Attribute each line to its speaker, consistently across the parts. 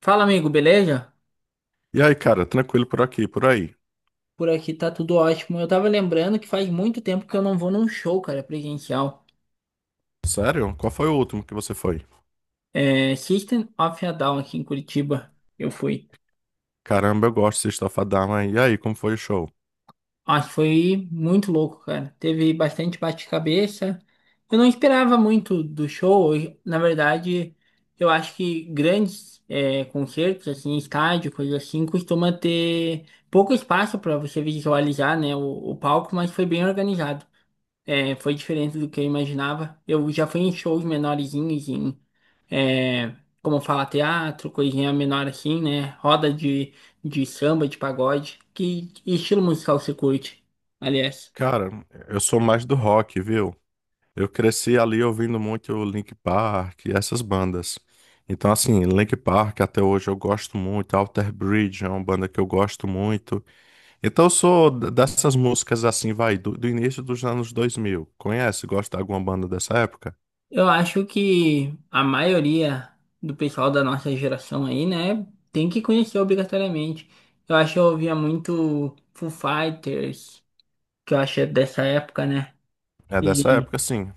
Speaker 1: Fala, amigo, beleza?
Speaker 2: E aí, cara, tranquilo por aqui, por aí.
Speaker 1: Por aqui tá tudo ótimo. Eu tava lembrando que faz muito tempo que eu não vou num show, cara, presencial.
Speaker 2: Sério? Qual foi o último que você foi?
Speaker 1: É, System of a Down aqui em Curitiba. Eu fui.
Speaker 2: Caramba, eu gosto de System of a Down, hein? E aí, como foi o show?
Speaker 1: Acho que foi muito louco, cara. Teve bastante bate-cabeça. Eu não esperava muito do show. Na verdade, eu acho que grandes concertos, assim, estádio, coisa assim, costuma ter pouco espaço pra você visualizar, né, o palco, mas foi bem organizado. É, foi diferente do que eu imaginava. Eu já fui em shows menorzinhos, é, como falar teatro, coisinha menor assim, né? Roda de samba, de pagode. Que estilo musical você curte, aliás?
Speaker 2: Cara, eu sou mais do rock, viu? Eu cresci ali ouvindo muito o Linkin Park e essas bandas. Então, assim, Linkin Park até hoje eu gosto muito. Alter Bridge é uma banda que eu gosto muito. Então, eu sou dessas músicas assim, vai, do início dos anos 2000. Conhece? Gosta de alguma banda dessa época?
Speaker 1: Eu acho que a maioria do pessoal da nossa geração aí, né, tem que conhecer obrigatoriamente. Eu acho que eu ouvia muito Foo Fighters, que eu acho que é dessa época, né?
Speaker 2: É dessa época, sim.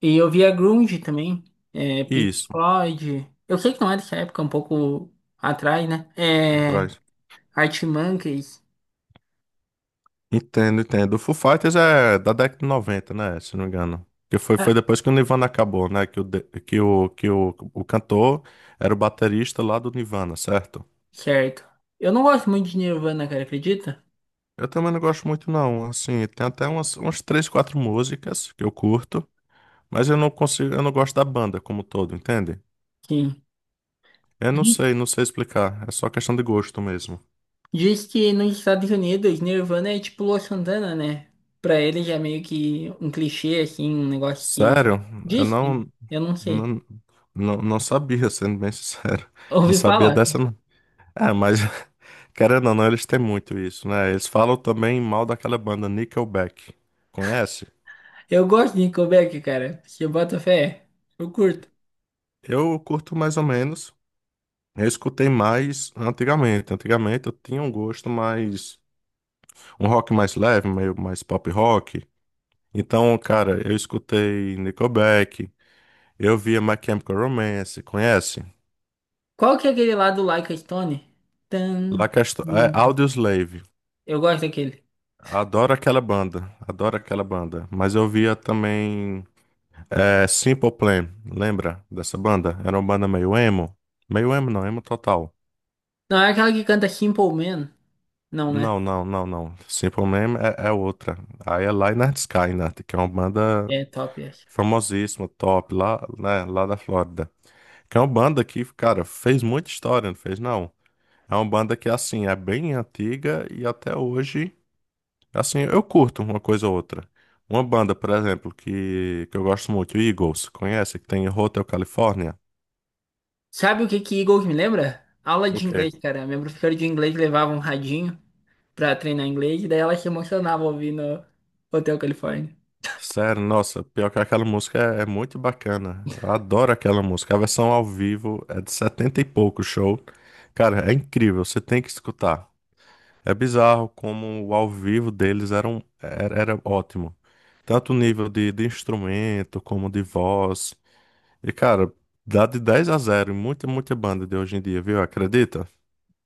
Speaker 1: E eu via grunge também, Pink
Speaker 2: Isso,
Speaker 1: Floyd. Eu sei que não é dessa época, um pouco atrás, né? É,
Speaker 2: traz.
Speaker 1: Arctic Monkeys.
Speaker 2: Entendo, entendo. O Foo Fighters é da década de 90, né? Se não me engano. Que foi,
Speaker 1: Ah,
Speaker 2: foi depois que o Nirvana acabou, né? Que o cantor era o baterista lá do Nirvana, certo?
Speaker 1: certo. Eu não gosto muito de Nirvana, cara, acredita?
Speaker 2: Eu também não gosto muito, não. Assim, tem até umas três, quatro músicas que eu curto, mas eu não consigo, eu não gosto da banda como todo, entende?
Speaker 1: Sim.
Speaker 2: Eu não
Speaker 1: Diz,
Speaker 2: sei, não sei explicar. É só questão de gosto mesmo.
Speaker 1: diz que nos Estados Unidos, Nirvana é tipo Lua Santana, né? Pra eles é meio que um clichê, assim, um negócio que.
Speaker 2: Sério? Eu
Speaker 1: Diz que,
Speaker 2: não,
Speaker 1: eu não sei.
Speaker 2: não, não, não sabia, sendo bem sincero. Não
Speaker 1: Ouvi
Speaker 2: sabia
Speaker 1: falar.
Speaker 2: dessa, não. É, mas. Querendo ou não, eles têm muito isso, né? Eles falam também mal daquela banda Nickelback. Conhece?
Speaker 1: Eu gosto de Nickelback, cara. Se eu boto fé, eu curto.
Speaker 2: Eu curto mais ou menos. Eu escutei mais antigamente. Antigamente eu tinha um gosto mais. Um rock mais leve, meio mais pop rock. Então, cara, eu escutei Nickelback. Eu via My Chemical Romance. Conhece?
Speaker 1: Qual que é aquele lá do Like a Stone? Tan.
Speaker 2: É,
Speaker 1: Hum.
Speaker 2: Audioslave.
Speaker 1: Eu gosto daquele.
Speaker 2: Adoro aquela banda. Adoro aquela banda. Mas eu via também. É, Simple Plan, lembra dessa banda? Era uma banda meio emo. Meio emo não, emo total.
Speaker 1: Não, é aquela que canta Simple Man. Não, né?
Speaker 2: Não, não, não, não. Simple Plan é outra. Aí é Lynyrd Skynyrd, que é uma banda
Speaker 1: É top essa.
Speaker 2: famosíssima, top, lá, né, lá da Flórida. Que é uma banda que, cara, fez muita história, não fez não? É uma banda que, assim, é bem antiga e até hoje, assim, eu curto uma coisa ou outra. Uma banda, por exemplo, que eu gosto muito, Eagles, conhece? Que tem em Hotel California.
Speaker 1: Sabe o que que Eagles me lembra? Aula de
Speaker 2: Ok.
Speaker 1: inglês, cara. Minha professora de inglês levava um radinho pra treinar inglês, e daí ela se emocionava ouvindo Hotel California.
Speaker 2: Sério, nossa, pior que aquela música é muito bacana. Eu adoro aquela música. A versão ao vivo é de 70 e pouco show. Cara, é incrível, você tem que escutar. É bizarro como o ao vivo deles era ótimo. Tanto o nível de instrumento como de voz. E, cara, dá de 10-0, em muita, muita banda de hoje em dia, viu? Acredita?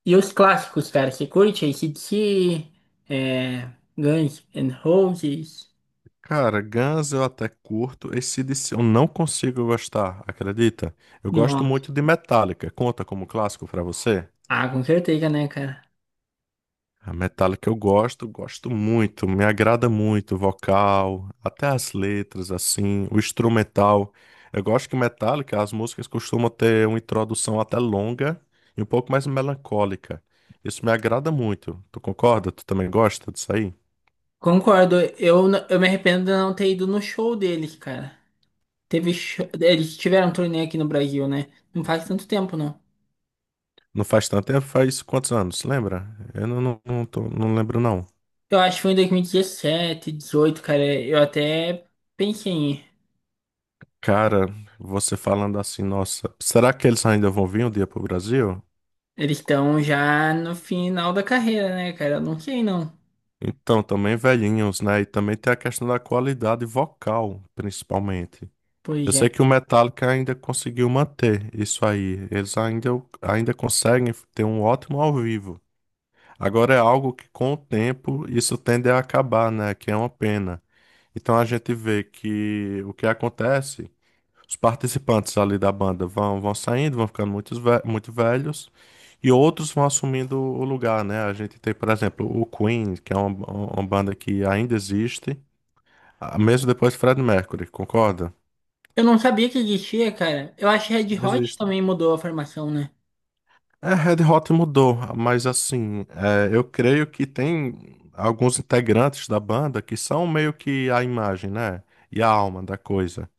Speaker 1: E os clássicos, cara, você curte AC/DC, é, Guns N' Roses?
Speaker 2: Cara, Guns eu até curto. AC/DC eu não consigo gostar, acredita? Eu gosto
Speaker 1: Nossa.
Speaker 2: muito de Metallica. Conta como clássico pra você?
Speaker 1: Ah, com certeza, né, cara?
Speaker 2: A Metallica eu gosto muito, me agrada muito o vocal, até as letras, assim, o instrumental. Eu gosto que Metallica, as músicas costumam ter uma introdução até longa e um pouco mais melancólica. Isso me agrada muito. Tu concorda? Tu também gosta disso aí?
Speaker 1: Concordo. Eu me arrependo de não ter ido no show deles, cara. Teve. Eles tiveram um torneio aqui no Brasil, né? Não faz tanto tempo, não.
Speaker 2: Não faz tanto tempo, faz quantos anos? Lembra? Eu não lembro, não.
Speaker 1: Eu acho que foi em 2017, 18, cara. Eu até pensei em ir.
Speaker 2: Cara, você falando assim, nossa, será que eles ainda vão vir um dia pro Brasil?
Speaker 1: Eles estão já no final da carreira, né, cara? Eu não sei, não.
Speaker 2: Então, também velhinhos, né? E também tem a questão da qualidade vocal, principalmente. Eu
Speaker 1: Pois é.
Speaker 2: sei que o Metallica ainda conseguiu manter isso aí. Eles ainda conseguem ter um ótimo ao vivo. Agora é algo que, com o tempo, isso tende a acabar, né? Que é uma pena. Então a gente vê que o que acontece. Os participantes ali da banda vão saindo, vão ficando muito velhos e outros vão assumindo o lugar, né? A gente tem, por exemplo, o Queen, que é uma banda que ainda existe, ah, mesmo depois de Fred Mercury, concorda?
Speaker 1: Eu não sabia que existia, cara. Eu acho que Red Hot
Speaker 2: Existe.
Speaker 1: também mudou a formação, né?
Speaker 2: É, Red Hot mudou, mas assim, é, eu creio que tem alguns integrantes da banda que são meio que a imagem, né? E a alma da coisa.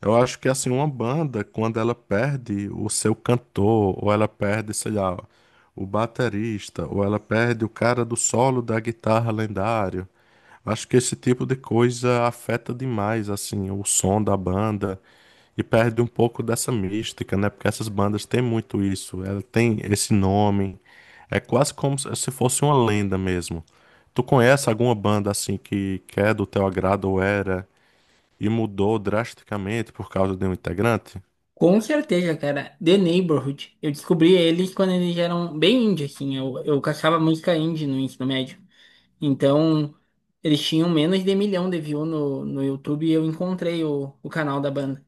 Speaker 2: Eu acho que assim, uma banda, quando ela perde o seu cantor, ou ela perde, sei lá, o baterista, ou ela perde o cara do solo da guitarra lendário, acho que esse tipo de coisa afeta demais, assim, o som da banda e perde um pouco dessa mística, né? Porque essas bandas têm muito isso, ela tem esse nome, é quase como se fosse uma lenda mesmo. Tu conhece alguma banda assim que é do teu agrado ou era? E mudou drasticamente por causa de um integrante?
Speaker 1: Com certeza, cara. The Neighborhood. Eu descobri eles quando eles eram bem indie, assim. Eu caçava música indie no ensino médio. Então, eles tinham menos de milhão de views no YouTube e eu encontrei o canal da banda.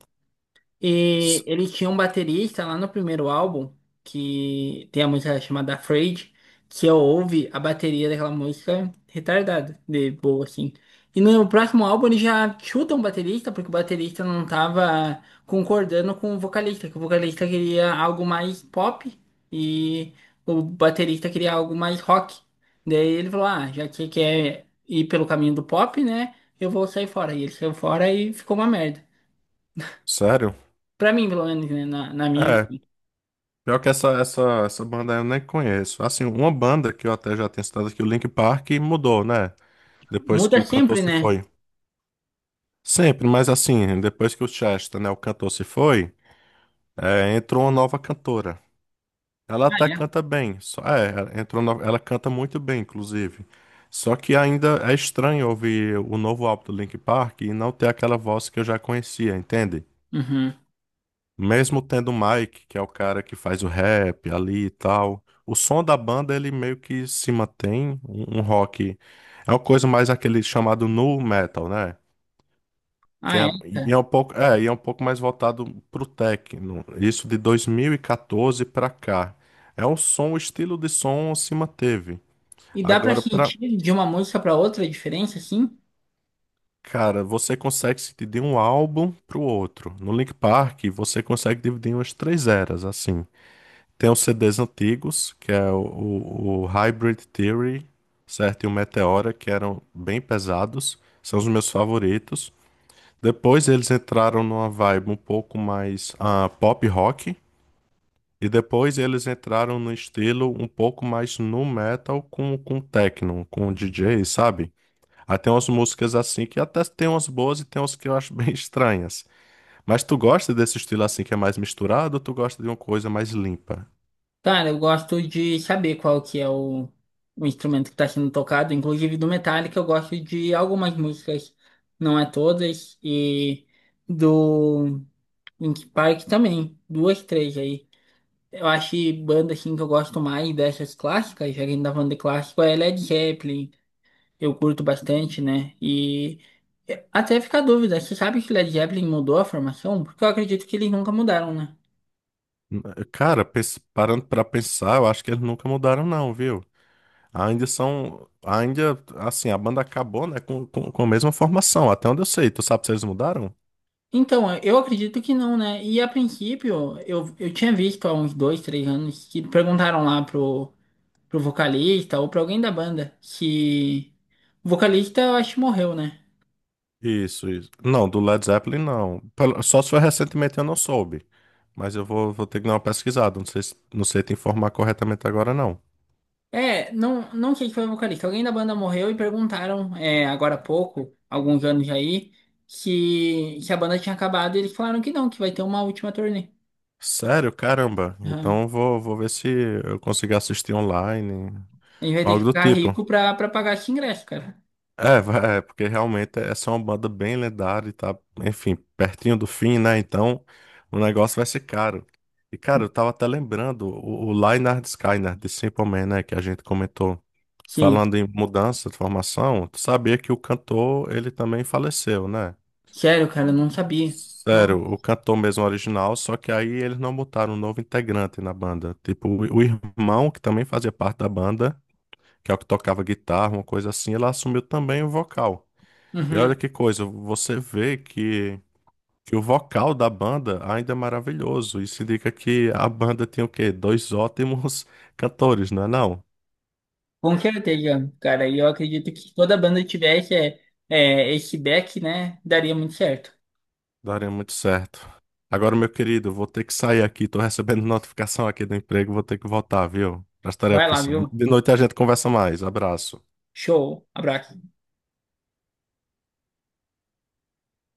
Speaker 2: S-
Speaker 1: E ele tinha um baterista lá no primeiro álbum, que tem a música chamada Afraid, que eu ouvi a bateria daquela música retardada, de boa, assim. E no próximo álbum ele já chuta um baterista, porque o baterista não tava concordando com o vocalista, que o vocalista queria algo mais pop e o baterista queria algo mais rock. Daí ele falou, ah, já que quer ir pelo caminho do pop, né, eu vou sair fora. E ele saiu fora e ficou uma merda.
Speaker 2: Sério?
Speaker 1: Pra mim, pelo menos, né? Na minha
Speaker 2: É,
Speaker 1: vida.
Speaker 2: pior que essa banda eu nem conheço. Assim, uma banda que eu até já tinha citado aqui, o Linkin Park, mudou, né? Depois que
Speaker 1: Muda
Speaker 2: o cantor
Speaker 1: sempre,
Speaker 2: se
Speaker 1: né?
Speaker 2: foi. Sempre, mas assim, depois que o Chester, né, o cantor se foi, é, entrou uma nova cantora. Ela
Speaker 1: Ah,
Speaker 2: até canta bem, só, é, ela entrou no- ela canta muito bem, inclusive. Só que ainda é estranho ouvir o novo álbum do Linkin Park e não ter aquela voz que eu já conhecia, entende?
Speaker 1: é? Uhum.
Speaker 2: Mesmo tendo o Mike, que é o cara que faz o rap ali e tal, o som da banda ele meio que se mantém um rock. É uma coisa mais aquele chamado nu metal, né? Que
Speaker 1: Ah,
Speaker 2: é,
Speaker 1: é,
Speaker 2: e é
Speaker 1: cara.
Speaker 2: um pouco, é, e é um pouco mais voltado pro techno. Isso de 2014 pra cá. É um som, o estilo de som se manteve.
Speaker 1: E dá pra
Speaker 2: Agora pra,
Speaker 1: sentir de uma música pra outra a diferença, assim?
Speaker 2: cara, você consegue se dividir um álbum pro outro. No Link Park, você consegue dividir em umas três eras assim. Tem os CDs antigos, que é o Hybrid Theory, certo? E o Meteora, que eram bem pesados. São os meus favoritos. Depois eles entraram numa vibe um pouco mais pop rock. E depois eles entraram no estilo um pouco mais nu metal com techno, com DJ, sabe? Aí tem umas músicas assim que até tem umas boas e tem umas que eu acho bem estranhas. Mas tu gosta desse estilo assim que é mais misturado ou tu gosta de uma coisa mais limpa?
Speaker 1: Cara, eu gosto de saber qual que é o instrumento que tá sendo tocado. Inclusive do Metallica, eu gosto de algumas músicas, não é todas. E do Linkin Park também. Duas, três aí. Eu acho que banda, assim, que eu gosto mais dessas clássicas, já que a gente tá falando de clássico, é Led Zeppelin. Eu curto bastante, né? E até fica a dúvida, você sabe que o Led Zeppelin mudou a formação? Porque eu acredito que eles nunca mudaram, né?
Speaker 2: Cara, parando pra pensar, eu acho que eles nunca mudaram, não, viu? Ainda são. Ainda, assim, a banda acabou, né, com a mesma formação, até onde eu sei. Tu sabe se eles mudaram?
Speaker 1: Então, eu acredito que não, né? E a princípio, eu tinha visto há uns dois, três anos que perguntaram lá pro vocalista ou pra alguém da banda se. O vocalista, eu acho, que morreu, né?
Speaker 2: Isso, isso. Não, do Led Zeppelin, não. Só se foi recentemente eu não soube. Mas eu vou ter que dar uma pesquisada. Não sei, não sei te informar corretamente agora, não.
Speaker 1: É, não, não sei se foi o vocalista. Alguém da banda morreu e perguntaram, é, agora há pouco, alguns anos aí, se a banda tinha acabado. E eles falaram que não, que vai ter uma última turnê.
Speaker 2: Sério? Caramba. Então
Speaker 1: Aham.
Speaker 2: eu vou ver se eu consigo assistir online,
Speaker 1: A gente vai ter que
Speaker 2: algo do
Speaker 1: ficar
Speaker 2: tipo.
Speaker 1: rico pra pagar esse ingresso, cara.
Speaker 2: É, porque realmente essa é uma banda bem lendária e tá, enfim, pertinho do fim, né? Então o negócio vai ser caro. E, cara, eu tava até lembrando o Lynyrd Skynyrd né, de Simple Man, né? Que a gente comentou.
Speaker 1: Sim,
Speaker 2: Falando em mudança de formação, tu sabia que o cantor, ele também faleceu, né?
Speaker 1: sério, cara, eu não sabia. Não.
Speaker 2: Sério, o cantor mesmo original, só que aí eles não botaram um novo integrante na banda. Tipo, o irmão, que também fazia parte da banda, que é o que tocava guitarra, uma coisa assim, ele assumiu também o vocal. E olha
Speaker 1: Uhum.
Speaker 2: que coisa, você vê que o vocal da banda ainda é maravilhoso. Isso indica que a banda tem o quê? Dois ótimos cantores, não é não?
Speaker 1: Com certeza, cara. E eu acredito que se toda banda tivesse esse back, né? Daria muito certo.
Speaker 2: Daria muito certo. Agora, meu querido, vou ter que sair aqui. Tô recebendo notificação aqui do emprego, vou ter que voltar, viu? As
Speaker 1: Vai lá,
Speaker 2: tarefas.
Speaker 1: viu?
Speaker 2: De noite a gente conversa mais. Abraço.
Speaker 1: Show. Abraço.